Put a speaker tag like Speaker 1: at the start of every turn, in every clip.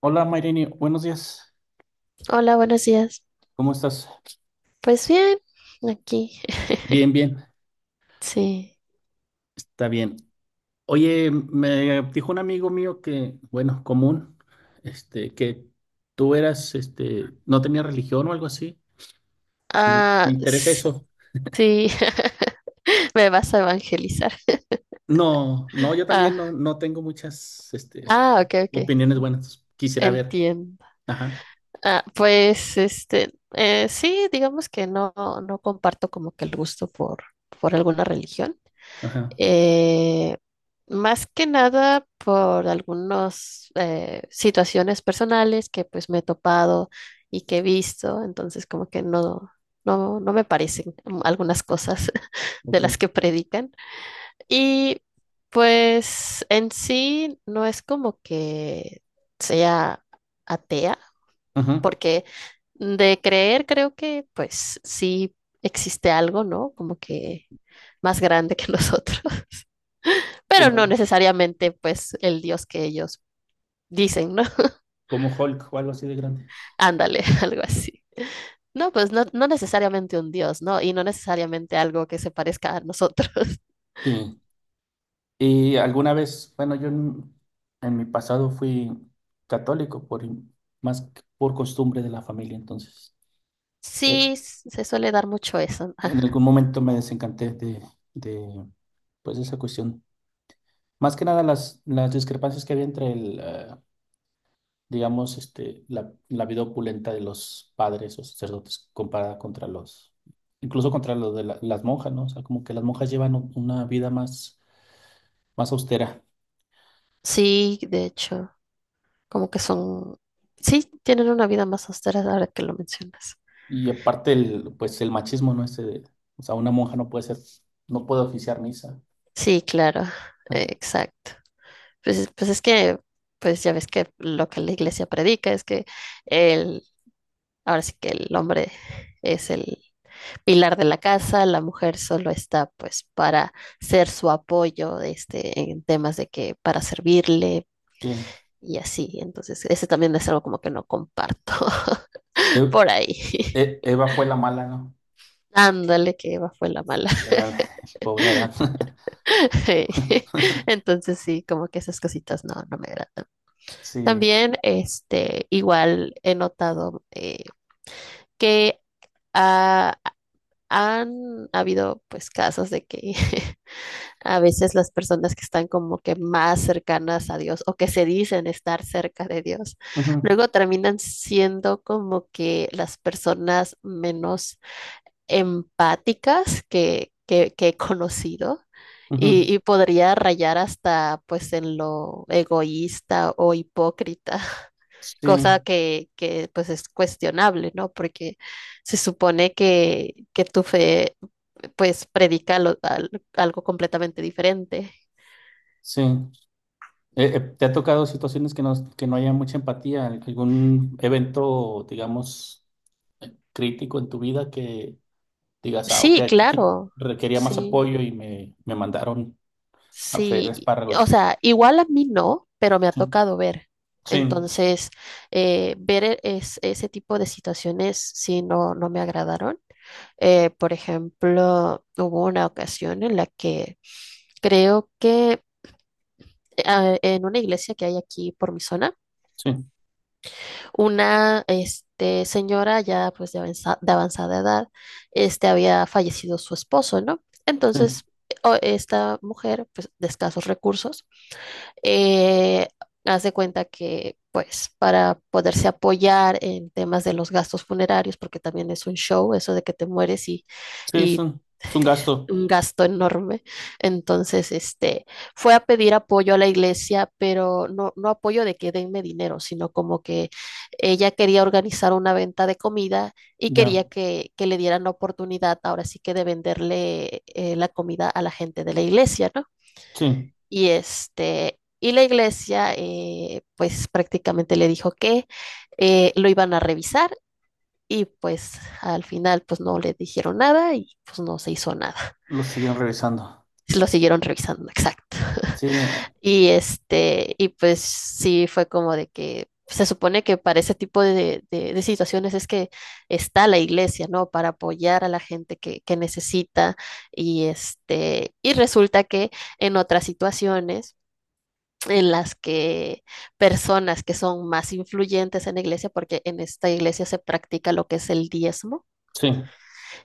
Speaker 1: Hola Maireni, buenos días.
Speaker 2: Hola, buenos días.
Speaker 1: ¿Cómo estás?
Speaker 2: Pues bien, aquí.
Speaker 1: Bien, bien,
Speaker 2: Sí.
Speaker 1: está bien. Oye, me dijo un amigo mío que, bueno, común, que tú eras, no tenías religión o algo así. Me
Speaker 2: Ah,
Speaker 1: interesa
Speaker 2: s-
Speaker 1: eso.
Speaker 2: sí. Me vas a evangelizar.
Speaker 1: No, no, yo también no,
Speaker 2: Ah,
Speaker 1: no tengo muchas,
Speaker 2: ok, ok.
Speaker 1: opiniones buenas. Quisiera ver.
Speaker 2: Entiendo.
Speaker 1: Ajá,
Speaker 2: Sí, digamos que no comparto como que el gusto por alguna religión.
Speaker 1: ajá,
Speaker 2: eh, Más que nada por algunas situaciones personales que pues me he topado y que he visto, entonces como que no me parecen algunas cosas de
Speaker 1: ok.
Speaker 2: las que predican. Y pues en sí no es como que sea atea,
Speaker 1: Ajá.
Speaker 2: porque de creer creo que pues sí existe algo, ¿no? Como que más grande que nosotros, pero
Speaker 1: Como,
Speaker 2: no necesariamente pues el Dios que ellos dicen, ¿no?
Speaker 1: como Hulk o algo así de grande.
Speaker 2: Ándale, algo así. No, pues no, no necesariamente un Dios, ¿no? Y no necesariamente algo que se parezca a nosotros.
Speaker 1: Sí. Y alguna vez, bueno, yo en mi pasado fui católico más que por costumbre de la familia, entonces eh,
Speaker 2: Sí, se suele dar mucho eso.
Speaker 1: en algún momento me desencanté de pues esa cuestión. Más que nada las discrepancias que había entre digamos, la vida opulenta de los padres o sacerdotes comparada contra los, incluso contra los de las monjas, ¿no? O sea, como que las monjas llevan una vida más, más austera.
Speaker 2: Sí, de hecho, como que sí, tienen una vida más austera ahora que lo mencionas.
Speaker 1: Y aparte pues el machismo, ¿no? O sea, una monja no puede ser, no puede oficiar misa.
Speaker 2: Sí, claro, exacto. Pues es que, pues ya ves que lo que la iglesia predica es que el, ahora sí que el hombre es el pilar de la casa, la mujer solo está pues para ser su apoyo, este, en temas de que para servirle
Speaker 1: Sí.
Speaker 2: y así. Entonces, ese también es algo como que no comparto
Speaker 1: E-
Speaker 2: por ahí.
Speaker 1: Eva fue la mala, ¿no?
Speaker 2: Ándale, que Eva fue la mala.
Speaker 1: La mala- Pobre Adán.
Speaker 2: Entonces sí, como que esas cositas no, no me agradan.
Speaker 1: Sí.
Speaker 2: También, este, igual he notado, que ah, han habido pues casos de que a veces las personas que están como que más cercanas a Dios o que se dicen estar cerca de Dios,
Speaker 1: Ujú,
Speaker 2: luego terminan siendo como que las personas menos empáticas que he conocido
Speaker 1: ujú.
Speaker 2: y podría rayar hasta pues en lo egoísta o hipócrita,
Speaker 1: Sí,
Speaker 2: cosa que pues es cuestionable, ¿no? Porque se supone que tu fe pues predica algo completamente diferente.
Speaker 1: sí. ¿Te ha tocado situaciones que no, haya mucha empatía? ¿Algún evento, digamos, crítico en tu vida que digas, ah, ok,
Speaker 2: Sí,
Speaker 1: aquí
Speaker 2: claro,
Speaker 1: requería más
Speaker 2: sí,
Speaker 1: apoyo y me mandaron a freír
Speaker 2: sí. O
Speaker 1: espárragos?
Speaker 2: sea, igual a mí no, pero me ha
Speaker 1: Sí,
Speaker 2: tocado ver.
Speaker 1: sí,
Speaker 2: Entonces, ese tipo de situaciones sí no, no me agradaron. Por ejemplo, hubo una ocasión en la que creo que en una iglesia que hay aquí por mi zona,
Speaker 1: sí.
Speaker 2: una, este, señora ya pues de avanzada edad, este, había fallecido su esposo, ¿no?
Speaker 1: Sí,
Speaker 2: Entonces, esta mujer, pues de escasos recursos, eh, hace cuenta que pues para poderse apoyar en temas de los gastos funerarios, porque también es un show eso de que te mueres
Speaker 1: sí, es
Speaker 2: y
Speaker 1: un, es un gasto.
Speaker 2: un gasto enorme. Entonces, este, fue a pedir apoyo a la iglesia, pero no, no apoyo de que denme dinero, sino como que ella quería organizar una venta de comida y
Speaker 1: Ya.
Speaker 2: quería que le dieran la oportunidad, ahora sí que de venderle, la comida a la gente de la iglesia, ¿no?
Speaker 1: Sí,
Speaker 2: Y este, y la iglesia, pues prácticamente le dijo que lo iban a revisar y pues al final pues no le dijeron nada y pues no se hizo nada,
Speaker 1: lo siguen revisando.
Speaker 2: lo siguieron revisando, exacto.
Speaker 1: Sí,
Speaker 2: Y este, y pues sí fue como de que se supone que para ese tipo de situaciones es que está la iglesia, ¿no? Para apoyar a la gente que necesita y este, y resulta que en otras situaciones en las que personas que son más influyentes en la iglesia, porque en esta iglesia se practica lo que es el diezmo,
Speaker 1: sí,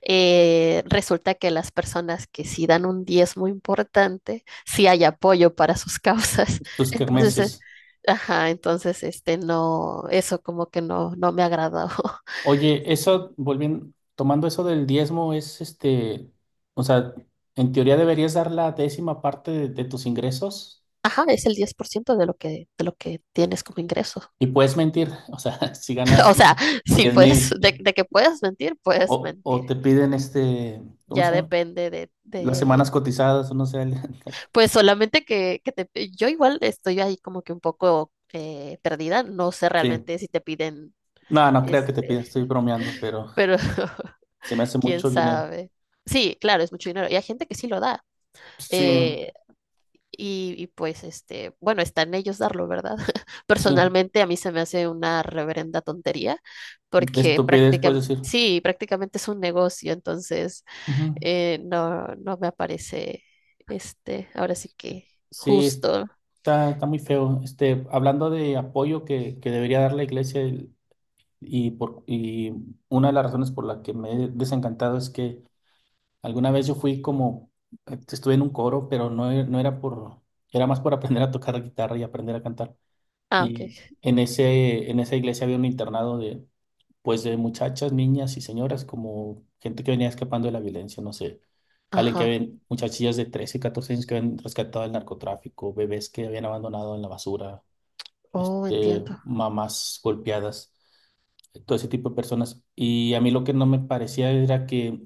Speaker 2: resulta que las personas que sí dan un diezmo importante, sí hay apoyo para sus causas.
Speaker 1: tus
Speaker 2: Entonces,
Speaker 1: kermeses.
Speaker 2: ajá, entonces, este, no, eso como que no, no me agradó.
Speaker 1: Oye, eso, volviendo, tomando eso del diezmo, es o sea, en teoría deberías dar la décima parte de tus ingresos
Speaker 2: Ajá, es el 10% de lo que tienes como ingreso.
Speaker 1: y puedes mentir, o sea, si
Speaker 2: O
Speaker 1: ganas, no sé,
Speaker 2: sea, sí
Speaker 1: diez
Speaker 2: puedes,
Speaker 1: mil
Speaker 2: de que puedes mentir, puedes
Speaker 1: o,
Speaker 2: mentir.
Speaker 1: o te piden ¿cómo se
Speaker 2: Ya
Speaker 1: llama?
Speaker 2: depende de,
Speaker 1: Las semanas
Speaker 2: de,
Speaker 1: cotizadas, o no sé, el-
Speaker 2: pues solamente que te, yo igual estoy ahí como que un poco, perdida. No sé
Speaker 1: Sí,
Speaker 2: realmente si te piden,
Speaker 1: no creo que te piden, estoy
Speaker 2: este,
Speaker 1: bromeando, pero
Speaker 2: pero
Speaker 1: se me hace
Speaker 2: quién
Speaker 1: mucho dinero.
Speaker 2: sabe. Sí, claro, es mucho dinero. Y hay gente que sí lo da.
Speaker 1: Sí.
Speaker 2: Eh, y y pues, este, bueno, está en ellos darlo, ¿verdad?
Speaker 1: Sí,
Speaker 2: Personalmente a mí se me hace una reverenda tontería, porque
Speaker 1: estupidez puedes
Speaker 2: prácticamente,
Speaker 1: decir.
Speaker 2: sí, prácticamente es un negocio, entonces,
Speaker 1: Ujú.
Speaker 2: no, no me aparece, este, ahora sí que
Speaker 1: Sí,
Speaker 2: justo.
Speaker 1: está muy feo. Hablando de apoyo que, debería dar la iglesia y una de las razones por la que me he desencantado es que alguna vez yo fui estuve en un coro, pero no, no era por, era más por aprender a tocar guitarra y aprender a cantar.
Speaker 2: Ah,
Speaker 1: Y
Speaker 2: ok.
Speaker 1: en esa iglesia había un internado pues de muchachas, niñas y señoras, como gente que venía escapando de la violencia, no sé.
Speaker 2: Ajá.
Speaker 1: Muchachillas de 13, 14 años que habían rescatado del narcotráfico, bebés que habían abandonado en la basura,
Speaker 2: Oh, entiendo.
Speaker 1: mamás golpeadas, todo ese tipo de personas. Y a mí lo que no me parecía era que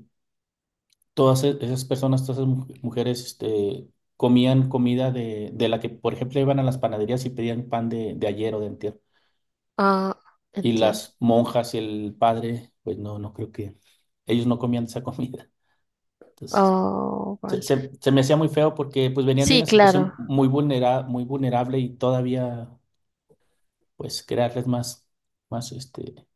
Speaker 1: todas esas personas, todas esas mujeres, comían comida de la que, por ejemplo, iban a las panaderías y pedían pan de ayer o de antier.
Speaker 2: Ah,
Speaker 1: Y
Speaker 2: entiendo.
Speaker 1: las monjas y el padre, pues no creo que ellos no comían esa comida. Entonces,
Speaker 2: Oh,
Speaker 1: se,
Speaker 2: vale.
Speaker 1: se- se me hacía muy feo porque pues venían de una
Speaker 2: Sí,
Speaker 1: situación
Speaker 2: claro.
Speaker 1: muy vulnerable y todavía pues crearles más, más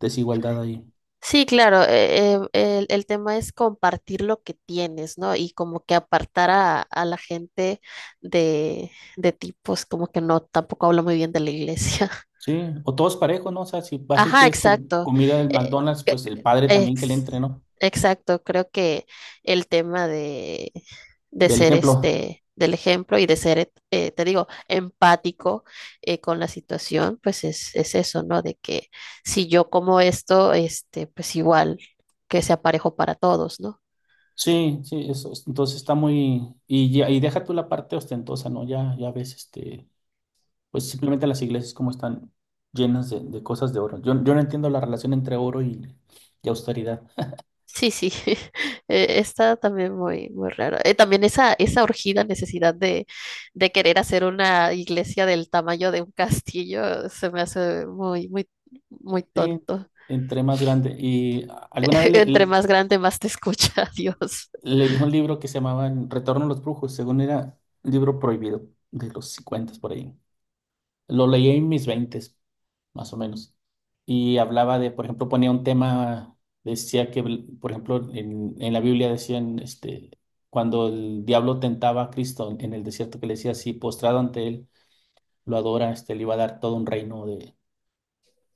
Speaker 1: desigualdad ahí.
Speaker 2: Sí, claro, el tema es compartir lo que tienes, ¿no? Y como que apartar a la gente de, de ti, pues como que no, tampoco hablo muy bien de la iglesia.
Speaker 1: Sí, o todos parejos, ¿no? O sea, si vas y
Speaker 2: Ajá,
Speaker 1: pides
Speaker 2: exacto.
Speaker 1: comida del
Speaker 2: Eh,
Speaker 1: McDonald's,
Speaker 2: eh,
Speaker 1: pues el padre también que le
Speaker 2: ex-
Speaker 1: entre, ¿no?
Speaker 2: exacto, creo que el tema de
Speaker 1: Del
Speaker 2: ser,
Speaker 1: ejemplo.
Speaker 2: este, del ejemplo y de ser, te digo, empático, con la situación, pues es eso, ¿no? De que si yo como esto, este, pues igual que sea parejo para todos, ¿no?
Speaker 1: Sí, sí, eso. Entonces está muy. Y deja tú la parte ostentosa, ¿no? Ya, ya ves, pues simplemente las iglesias como están llenas de cosas de oro. Yo no entiendo la relación entre oro y austeridad.
Speaker 2: Sí, sí, está también muy, muy raro. También esa urgida necesidad de querer hacer una iglesia del tamaño de un castillo se me hace muy, muy, muy
Speaker 1: Sí,
Speaker 2: tonto.
Speaker 1: entre más grande. Y alguna vez
Speaker 2: Entre más grande, más te escucha Dios.
Speaker 1: leí un libro que se llamaba Retorno a los Brujos, según era un libro prohibido de los 50 por ahí. Lo leí en mis 20 más o menos. Y hablaba de, por ejemplo, ponía un tema, decía que, por ejemplo, en la Biblia decían, cuando el diablo tentaba a Cristo en el desierto, que le decía así, postrado ante él, lo adora, le iba a dar todo un reino de,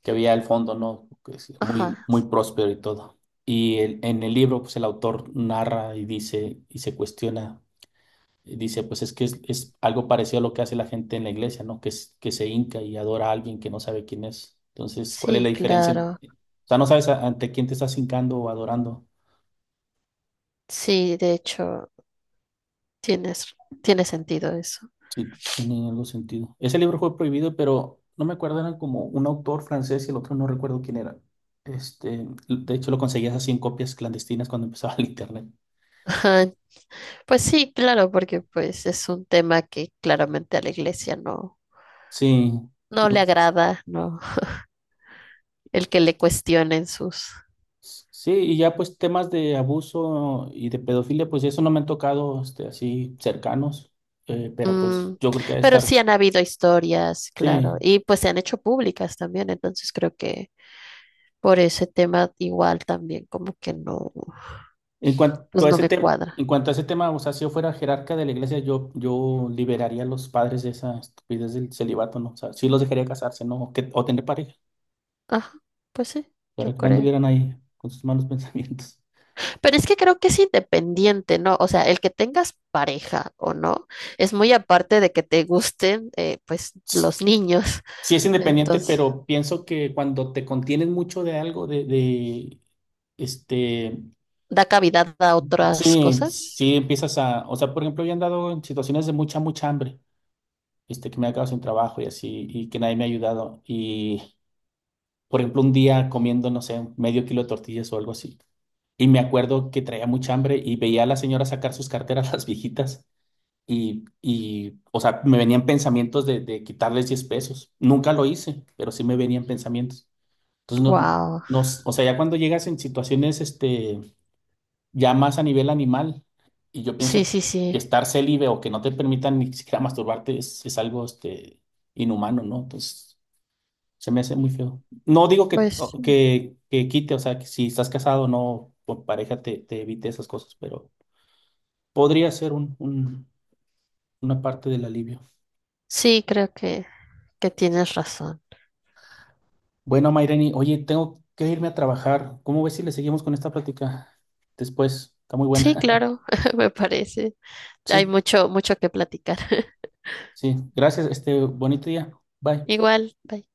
Speaker 1: que había al fondo, ¿no? Que es
Speaker 2: Ajá,
Speaker 1: muy, muy próspero y todo. Y en el libro, pues el autor narra y dice, y se cuestiona, y dice, pues es que es algo parecido a lo que hace la gente en la iglesia, ¿no? Que se hinca y adora a alguien que no sabe quién es. Entonces, ¿cuál es la
Speaker 2: sí,
Speaker 1: diferencia?
Speaker 2: claro.
Speaker 1: O sea, no sabes ante quién te estás hincando o adorando.
Speaker 2: Sí, de hecho, tienes, tiene sentido eso.
Speaker 1: Sí, tiene algo sentido. Ese libro fue prohibido, pero no me acuerdo, era como un autor francés y el otro no recuerdo quién era. De hecho, lo conseguías así en copias clandestinas cuando empezaba el internet.
Speaker 2: Ajá. Pues sí, claro, porque pues es un tema que claramente a la iglesia no,
Speaker 1: Sí,
Speaker 2: no le
Speaker 1: no.
Speaker 2: agrada, no, el que le cuestionen sus.
Speaker 1: Sí, y ya pues temas de abuso y de pedofilia, pues eso no me han tocado así cercanos, pero pues
Speaker 2: Mm,
Speaker 1: yo creo que debe
Speaker 2: pero
Speaker 1: estar,
Speaker 2: sí han habido historias, claro,
Speaker 1: sí.
Speaker 2: y pues se han hecho públicas también, entonces creo que por ese tema igual también como que no,
Speaker 1: En cuanto
Speaker 2: pues
Speaker 1: a
Speaker 2: no
Speaker 1: ese
Speaker 2: me
Speaker 1: tema,
Speaker 2: cuadra.
Speaker 1: o sea, si yo fuera jerarca de la iglesia, yo liberaría a los padres de esa estupidez del celibato, ¿no? O sea, sí los dejaría casarse, ¿no? O tener pareja,
Speaker 2: Ajá, pues sí,
Speaker 1: para
Speaker 2: yo
Speaker 1: que no
Speaker 2: creo.
Speaker 1: anduvieran ahí con sus malos pensamientos.
Speaker 2: Pero es que creo que es independiente, ¿no? O sea, el que tengas pareja o no, es muy aparte de que te gusten, pues, los niños.
Speaker 1: Sí es independiente,
Speaker 2: Entonces,
Speaker 1: pero pienso que cuando te contienes mucho de algo, este,
Speaker 2: da cavidad a otras
Speaker 1: sí,
Speaker 2: cosas.
Speaker 1: sí empiezas a, o sea, por ejemplo, yo he andado en situaciones de mucha, mucha hambre, que me he quedado sin trabajo y así, y que nadie me ha ayudado, por ejemplo, un día comiendo, no sé, medio kilo de tortillas o algo así. Y me acuerdo que traía mucha hambre y veía a la señora sacar sus carteras, las viejitas, y o sea, me venían pensamientos de quitarles $10. Nunca lo hice, pero sí me venían pensamientos. Entonces, no,
Speaker 2: Wow.
Speaker 1: no, o sea, ya cuando llegas en situaciones, ya más a nivel animal, y yo
Speaker 2: Sí,
Speaker 1: pienso
Speaker 2: sí,
Speaker 1: que
Speaker 2: sí.
Speaker 1: estar célibe o que no te permitan ni siquiera masturbarte es algo, inhumano, ¿no? Entonces. Se me hace muy feo. No digo que,
Speaker 2: Pues
Speaker 1: o- que, que quite, o sea, que si estás casado no, con pareja te evite esas cosas, pero podría ser una parte del alivio.
Speaker 2: sí, creo que tienes razón.
Speaker 1: Bueno, Maireni, oye, tengo que irme a trabajar. ¿Cómo ves si le seguimos con esta plática después? Está muy
Speaker 2: Sí,
Speaker 1: buena.
Speaker 2: claro, me parece. Hay
Speaker 1: Sí,
Speaker 2: mucho, mucho que platicar.
Speaker 1: sí. Gracias, este bonito día. Bye.
Speaker 2: Igual, bye.